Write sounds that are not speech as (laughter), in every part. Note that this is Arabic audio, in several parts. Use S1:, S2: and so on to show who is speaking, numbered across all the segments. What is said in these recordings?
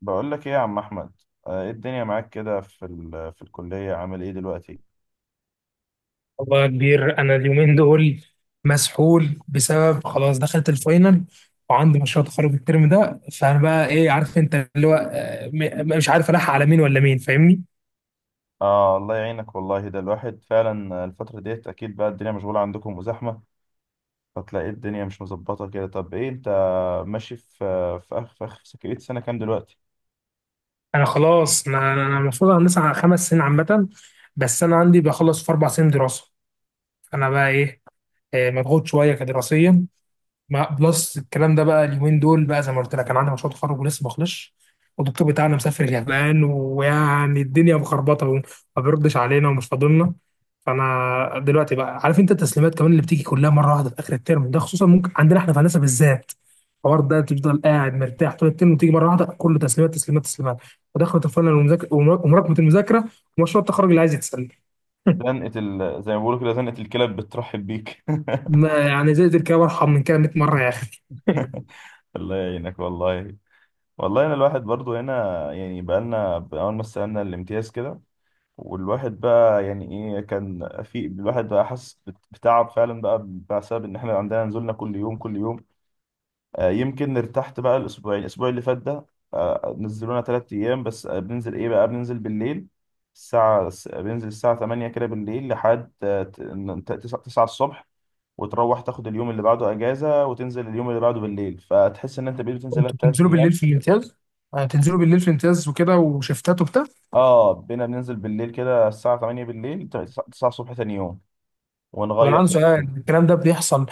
S1: بقول لك ايه يا عم احمد. ايه الدنيا معاك كده في الكليه عامل ايه دلوقتي؟
S2: والله يا كبير انا اليومين دول مسحول بسبب خلاص دخلت الفاينل وعندي مشروع تخرج الترم ده. فانا بقى ايه عارف انت اللي هو مش عارف الحق على مين ولا مين فاهمني.
S1: اه الله يعينك والله، ده الواحد فعلا الفتره ديت اكيد بقى الدنيا مشغوله عندكم وزحمه، فتلاقي الدنيا مش مظبطه كده. طب ايه انت ماشي في في اخ بقيت سنه كام دلوقتي؟
S2: انا المفروض هندسه على خمس سنين عامه، بس انا عندي بخلص في اربع سنين دراسه. انا بقى ايه مضغوط شويه كدراسيا. مع بلس الكلام ده بقى اليومين دول بقى زي ما قلت لك انا عندي مشروع تخرج ولسه ما خلصش، والدكتور بتاعنا مسافر اليابان ويعني الدنيا مخربطه وما بيردش علينا ومش فاضلنا. فانا دلوقتي بقى عارف انت التسليمات كمان اللي بتيجي كلها مره واحده في اخر الترم ده، خصوصا ممكن عندنا احنا في هندسه بالذات الحوار ده تفضل قاعد مرتاح طول الترم وتيجي مره واحده كله تسليمات تسليمات تسليمات. ودخلت الفاينل ومراكمه المذاكره ومشروع التخرج اللي عايز يتسلم.
S1: زي ما بيقولوا كده، زنقه الكلاب بترحب بيك.
S2: يعني زي الكلام ارحم من كده 100 مره يا اخي.
S1: (laughs) الله يعينك والله. والله انا الواحد برضو هنا، يعني بقالنا اول ما استلمنا الامتياز كده والواحد بقى يعني ايه، كان في الواحد بقى حاسس بتعب فعلا بقى، بسبب ان احنا عندنا نزولنا كل يوم كل يوم. آه يمكن ارتحت بقى الاسبوع اللي فات ده، آه نزلونا ثلاث ايام بس. آه بننزل ايه بقى، بننزل بالليل. بننزل الساعة 8 كده بالليل لحد 9 الصبح، وتروح تاخد اليوم اللي بعده اجازة وتنزل اليوم اللي بعده بالليل، فتحس ان انت بقيت بتنزل
S2: كنتوا
S1: ثلاث
S2: بتنزلوا بالليل
S1: ايام.
S2: في الامتياز؟ تنزلوا بالليل في الامتياز وكده وشفتات وبتاع؟
S1: اه بينا بننزل بالليل كده الساعة 8 بالليل، 9 الصبح تاني يوم،
S2: طب انا
S1: ونغير.
S2: عندي سؤال، الكلام ده بيحصل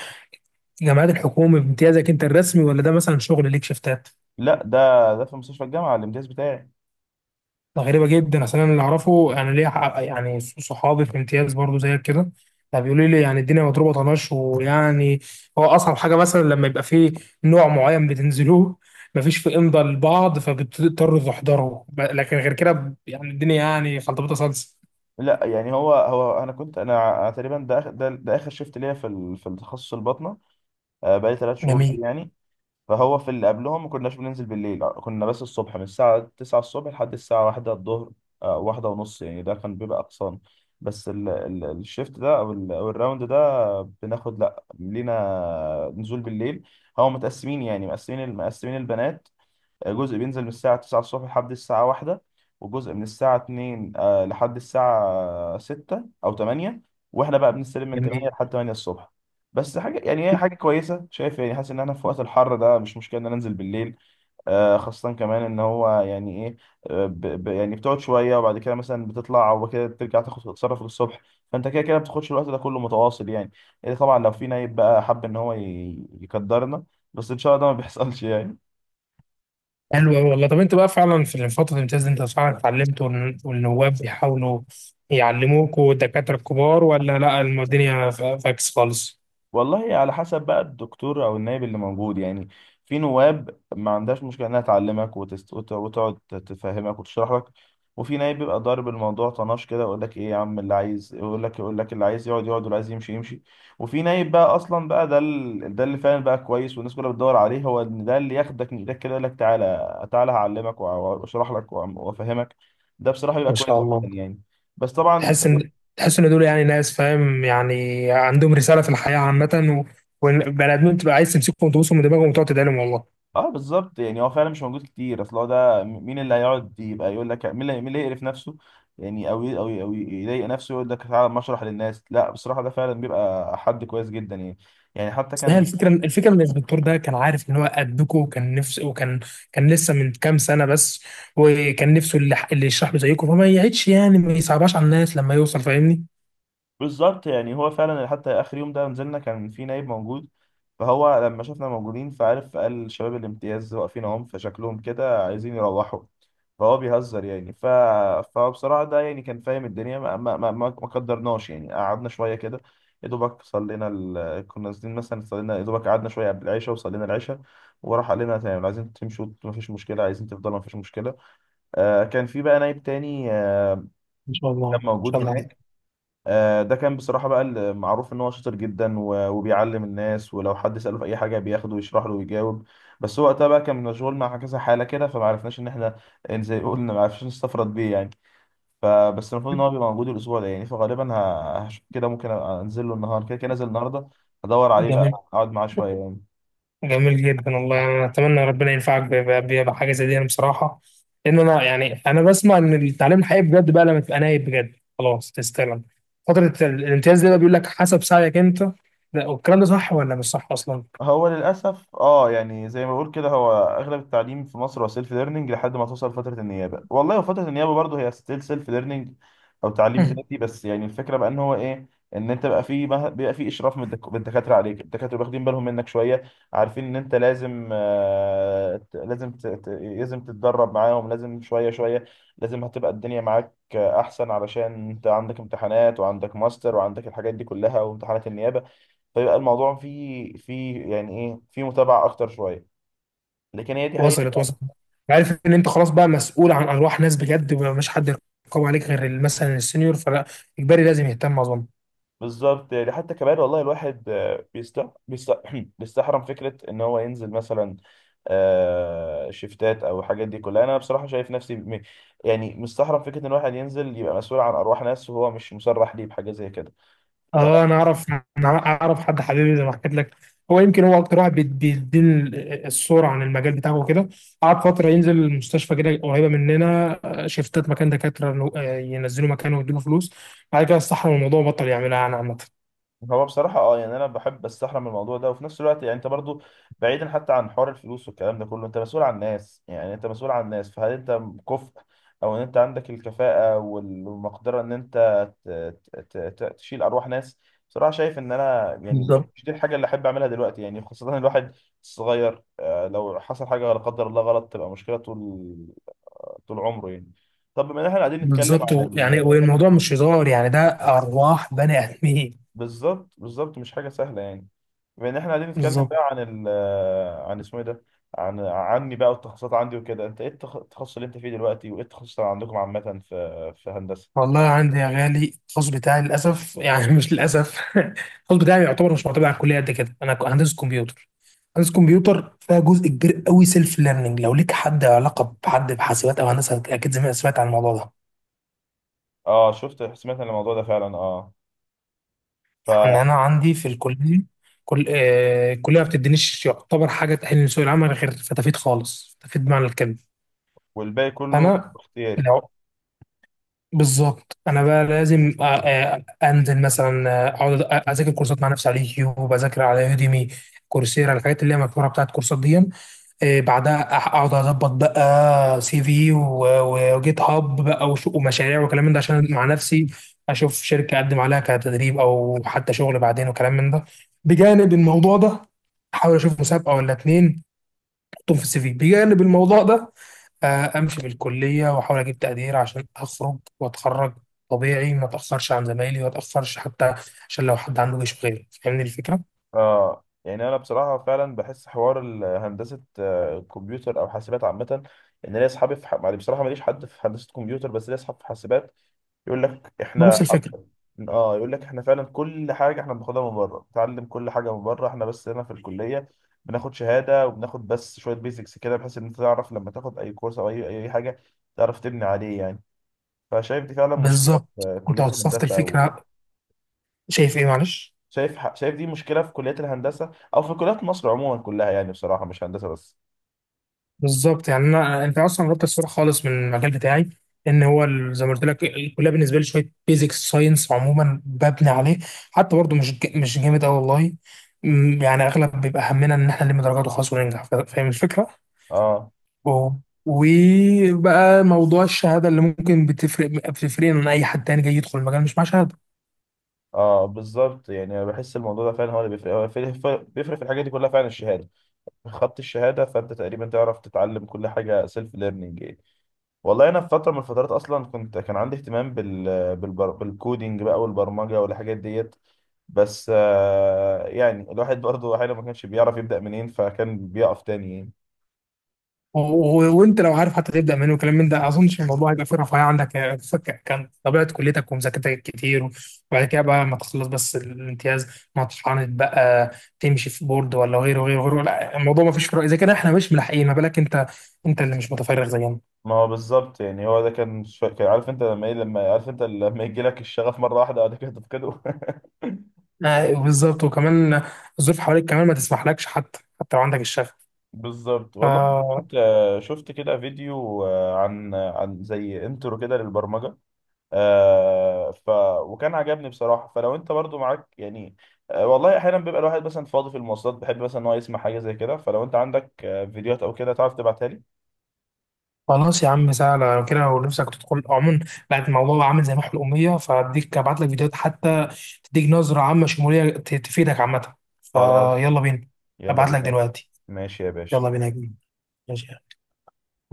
S2: في جامعات الحكومه بامتيازك انت الرسمي ولا ده مثلا شغل ليك شفتات؟
S1: لا، ده ده في مستشفى الجامعه الامتياز بتاعي.
S2: ده غريبه جدا، اصل انا اللي اعرفه انا ليا يعني صحابي في امتياز برضو زيك كده، يعني بيقولوا لي يعني الدنيا مضروبه طناش ويعني هو اصعب حاجه مثلا لما يبقى فيه نوع معين بتنزلوه (laughs) مفيش في امضاء لبعض فبتضطروا تحضروا لكن غير كده يعني الدنيا يعني خلطبيطه صلصه.
S1: لا يعني هو انا كنت، انا تقريبا ده اخر شيفت ليا في التخصص الباطنه. بقالي ثلاث شهور فيه
S2: جميل.
S1: يعني. فهو في اللي قبلهم ما كناش بننزل بالليل، كنا بس الصبح من الساعه 9 الصبح لحد الساعه 1 الظهر. واحدة ونص يعني، ده كان بيبقى اقصان. بس الشيفت ده أو الراوند ده بناخد لا لينا نزول بالليل. هو متقسمين، يعني مقسمين البنات. جزء بينزل من الساعة 9 الصبح لحد الساعة واحدة، وجزء من الساعة 2 لحد الساعة 6 أو 8، وإحنا بقى بنستلم من 8
S2: جميل.
S1: لحد 8 الصبح. بس حاجة يعني هي حاجة كويسة، شايف يعني، حاسس إن أنا في وقت الحر ده مش مشكلة إن أنا أنزل بالليل. خاصة كمان إن هو يعني إيه، ب ب يعني بتقعد شوية وبعد كده مثلا بتطلع وبعد كده بترجع تاخد تتصرف الصبح، فأنت كده كده ما بتاخدش الوقت ده كله متواصل يعني. إيه طبعا لو في نايب بقى حب إن هو يقدرنا، بس إن شاء الله ده ما بيحصلش يعني.
S2: حلو أوي والله. طب أنت بقى فعلا في فترة الامتياز دي أنت فعلا اتعلمت والنواب بيحاولوا يعلموكوا الدكاترة الكبار ولا لا الدنيا فاكس خالص؟
S1: والله على حسب بقى الدكتور او النائب اللي موجود يعني. في نواب ما عندهاش مشكله انها تعلمك وتقعد تفهمك وتشرح لك. وفي نائب بيبقى ضارب الموضوع طناش كده، يقول لك ايه يا عم، اللي عايز يقول لك يقول لك، اللي عايز يقعد يقعد واللي عايز يمشي يمشي. وفي نائب بقى اصلا بقى، ده اللي فعلا بقى كويس والناس كلها بتدور عليه، هو إن ده اللي ياخدك من ايدك كده يقول لك تعالى تعالى هعلمك واشرح لك وافهمك. ده بصراحه بيبقى
S2: ما
S1: كويس
S2: شاء
S1: جدا
S2: الله.
S1: يعني. بس طبعا.
S2: تحس إن دول يعني ناس فاهم يعني عندهم رسالة في الحياة عامة، و- والبني آدمين تبقى عايز تمسكهم وتبوسهم من دماغهم وتقعد تدعيلهم والله.
S1: اه بالظبط، يعني هو فعلا مش موجود كتير، اصل هو ده مين اللي هيقعد يبقى يقول لك، مين اللي يقرف نفسه يعني، او يضايق نفسه يقول لك تعالى أما اشرح للناس. لا بصراحه ده فعلا بيبقى حد كويس جدا يعني. يعني حتى
S2: بس هي
S1: كان.
S2: الفكرة، الفكرة إن الدكتور ده كان عارف إن هو قدكوا وكان نفسه، وكان كان لسه من كام سنة بس، وكان نفسه اللي يشرح له زيكم فما يعيدش، يعني ما يصعبهاش على الناس لما يوصل فاهمني.
S1: بالظبط، يعني هو فعلا حتى اخر يوم ده نزلنا كان في نايب موجود، فهو لما شافنا موجودين فعرف، قال شباب الامتياز واقفين اهم فشكلهم كده عايزين يروحوا، فهو بيهزر فبصراحة ده يعني كان فاهم الدنيا. ما قدرناش يعني، قعدنا شوية كده، يا دوبك كنا نازلين مثلا، صلينا يا دوبك، قعدنا شوية قبل العشاء وصلينا العشاء، وراح قال لنا تمام، لو عايزين تمشوا مفيش مشكلة، عايزين تفضلوا مفيش مشكلة. آه كان في بقى نايب تاني آه،
S2: ان شاء الله
S1: كان
S2: ان
S1: موجود
S2: شاء الله عليك.
S1: هناك. ده كان بصراحة بقى المعروف إن هو شاطر جدا وبيعلم الناس، ولو حد سأله في أي حاجة بياخده ويشرح له ويجاوب. بس هو وقتها بقى كان مشغول مع كذا حالة كده، فمعرفناش إن إحنا، إن زي ما قلنا معرفناش نستفرد بيه يعني. فبس المفروض إن هو بيبقى موجود الأسبوع ده يعني، فغالبا هشوف كده ممكن أنزل له النهاردة، كده كده نازل النهاردة، هدور عليه بقى،
S2: جميل.
S1: أقعد معاه شوية يعني.
S2: جميل جدا والله. يعني انا اتمنى ربنا ينفعك بحاجه زي دي. انا بصراحه لان انا يعني انا بسمع ان التعليم الحقيقي بجد بقى لما تبقى نايب بجد خلاص تستلم. فتره الامتياز دي بقى بيقول لك حسب سعيك انت، لا والكلام ده صح ولا مش صح اصلا؟
S1: هو للأسف اه يعني زي ما بقول كده، هو أغلب التعليم في مصر هو سيلف ليرنينج لحد ما توصل فترة النيابة، والله وفترة النيابة برضه هي ستيل سيلف ليرنينج أو تعليم
S2: مم.
S1: ذاتي. بس يعني الفكرة بقى إن هو إيه، إن أنت بقى في بيبقى في إشراف من الدكاترة عليك، الدكاترة واخدين بالهم منك شوية، عارفين إن أنت لازم آه لازم لازم تتدرب معاهم لازم شوية شوية، لازم هتبقى الدنيا معاك أحسن، علشان أنت عندك امتحانات وعندك ماستر وعندك الحاجات دي كلها وامتحانات النيابة. فيبقى الموضوع فيه يعني ايه، فيه متابعه اكتر شويه. لكن هي دي حقيقه.
S2: وصلت وصلت. عارف ان انت خلاص بقى مسؤول عن ارواح ناس بجد ومش حد يرقب عليك غير مثلا السنيور فلا اجباري لازم يهتم اظن.
S1: بالظبط يعني حتى كمان والله الواحد، آه، بيست بيست (clears throat) بيستحرم فكره ان هو ينزل مثلا شيفتات او الحاجات دي كلها. انا بصراحه شايف نفسي يعني مستحرم فكره ان الواحد ينزل يبقى مسؤول عن ارواح ناس وهو مش مسرح ليه بحاجه زي كده.
S2: اه انا اعرف. انا اعرف حد حبيبي زي ما حكيت لك، هو يمكن هو اكتر واحد بيديني الصوره عن المجال بتاعه وكده. قعد فتره ينزل المستشفى كده قريبه مننا، شيفتات مكان دكاتره إنه، آه، ينزلوا مكانه ويديله فلوس. بعد كده استحرم الموضوع بطل يعملها يعني عامه.
S1: هو بصراحة اه يعني انا بحب استحرم من الموضوع ده، وفي نفس الوقت يعني انت برضو، بعيدا حتى عن حوار الفلوس والكلام ده كله، انت مسؤول عن الناس، يعني انت مسؤول عن الناس، فهل انت كفء؟ او ان انت عندك الكفاءة والمقدرة ان انت ت- ت- ت- تشيل ارواح ناس؟ بصراحة شايف ان انا يعني
S2: بالظبط
S1: مش دي الحاجة اللي احب اعملها دلوقتي يعني، خاصة الواحد صغير. لو حصل حاجة لا قدر الله غلط تبقى مشكلة طول طول عمره يعني. طب بما ان احنا قاعدين نتكلم
S2: بالظبط.
S1: عن.
S2: يعني والموضوع مش هزار يعني ده ارواح بني ادمين.
S1: بالظبط بالظبط، مش حاجة سهلة يعني. بما ان احنا قاعدين نتكلم
S2: بالظبط.
S1: بقى عن ال آه، عن اسمه ايه ده، عن عني بقى والتخصصات عندي وكده، انت ايه التخصص اللي انت فيه دلوقتي، وايه التخصص اللي عندكم عامة في هندسة؟
S2: والله عندي يا غالي التخصص بتاعي للاسف يعني مش للاسف (laughs) التخصص بتاعي يعتبر مش معتمد على الكليه قد كده. انا هندسه كمبيوتر. هندسه كمبيوتر فيها جزء كبير قوي سيلف ليرنينج، لو ليك حد علاقه بحد بحاسبات او هندسه اكيد زمان سمعت عن الموضوع ده.
S1: اه شفت، سمعت عن الموضوع ده فعلا اه.
S2: يعني
S1: ف.
S2: انا عندي في الكليه كل الكليه ما بتدينيش يعتبر حاجه تاهلني لسوق العمل غير فتافيت خالص، فتافيت بمعنى الكلمه.
S1: والباقي كله
S2: انا
S1: اختياري.
S2: بالظبط انا بقى لازم انزل مثلا اقعد اذاكر كورسات مع نفسي على اليوتيوب، اذاكر على يوديمي، كورسيرا، الحاجات اللي هي مشهوره بتاعت كورسات دي. بعدها اقعد اظبط بقى سي في وجيت هاب بقى ومشاريع وكلام من ده، عشان مع نفسي اشوف شركه اقدم عليها كتدريب او حتى شغل بعدين وكلام من ده. بجانب الموضوع ده احاول اشوف مسابقه ولا اتنين احطهم في السي في. بجانب الموضوع ده امشي بالكليه واحاول اجيب تقدير عشان اخرج واتخرج طبيعي، ما اتاخرش عن زمايلي، ما اتاخرش حتى عشان لو حد عنده جيش غيري فاهمني الفكره.
S1: اه يعني انا بصراحة فعلا بحس حوار هندسة كمبيوتر او حاسبات عامة، ان ليا اصحابي يعني بصراحة ماليش حد في هندسة كمبيوتر بس ليا اصحاب في حاسبات. يقول لك
S2: ما
S1: احنا.
S2: نفس الفكره.
S1: اه يقول لك احنا فعلا كل حاجه احنا بناخدها من بره، بنتعلم كل حاجه من بره احنا، بس هنا في الكليه بناخد شهاده وبناخد بس شويه بيزكس كده، بحيث ان انت تعرف لما تاخد اي كورس او اي حاجه تعرف تبني عليه يعني. فشايف دي فعلا مشكله
S2: بالظبط
S1: في
S2: انت
S1: كليه
S2: وصفت
S1: الهندسه او،
S2: الفكره. شايف ايه معلش؟
S1: شايف دي مشكله في كليات الهندسه او في كليات مصر عموما كلها، يعني بصراحه مش هندسه بس.
S2: بالظبط يعني انا انت اصلا قربت الصوره خالص من المجال بتاعي، ان هو زي ما قلت لك الكليه بالنسبه لي شويه بيزكس ساينس عموما ببني عليه، حتى برضو مش جامد قوي والله. يعني اغلب بيبقى همنا ان احنا نلم درجات وخلاص وننجح فاهم الفكره.
S1: اه.
S2: اه. وبقى موضوع الشهاده اللي ممكن بتفرق بتفرقنا عن اي حد تاني جاي يدخل المجال مش مع شهاده.
S1: اه بالظبط يعني، أنا بحس الموضوع ده فعلا هو اللي بيفرق، هو بيفرق في الحاجات دي كلها فعلا الشهاده، خدت الشهاده فانت تقريبا تعرف تتعلم كل حاجه سيلف ليرنينج. والله انا في فتره من الفترات اصلا كنت، كان عندي اهتمام بالكودينج بقى والبرمجه والحاجات ديت، بس يعني الواحد برضه احيانا ما كانش بيعرف يبدا منين، فكان بيقف تاني يعني.
S2: وانت لو عارف حتى تبدا منين وكلام من ده ما اظنش الموضوع هيبقى فيه رفاهيه عندك، يعني كان طبيعه كليتك ومذاكرتك كتير، وبعد كده بقى ما تخلص بس الامتياز ما تتعاند بقى، تمشي في بورد ولا غيره غيره غيره. لا الموضوع ما فيش فرق، اذا كده احنا مش ملاحقين ما بالك انت، انت اللي مش متفرغ زينا.
S1: ما هو بالظبط، يعني هو ده كان عارف انت لما ايه، لما عارف انت لما يجي لك الشغف مره واحده بعد كده تفقده. (laughs)
S2: بالظبط. وكمان الظروف حواليك كمان ما تسمحلكش حتى حتى لو عندك
S1: بالظبط والله.
S2: الشغف.
S1: كنت شفت كده فيديو عن زي انترو كده للبرمجه، آه ف، وكان عجبني بصراحه. فلو انت برضو معاك يعني، والله احيانا بيبقى الواحد مثلا فاضي في المواصلات بحب مثلا ان هو يسمع حاجه زي كده، فلو انت عندك آه فيديوهات او كده تعرف تبعتها لي.
S2: خلاص يا عم سهلة. لو كده لو نفسك تدخل عموما بعد الموضوع عامل زي ما احنا الأمية، فأديك أبعت لك فيديوهات حتى تديك نظرة عامة شمولية تفيدك عامة.
S1: خلاص،
S2: فيلا بينا.
S1: يلا
S2: أبعت لك
S1: بينا.
S2: دلوقتي.
S1: ماشي يا باشا.
S2: يلا بينا يا كبير. ماشي.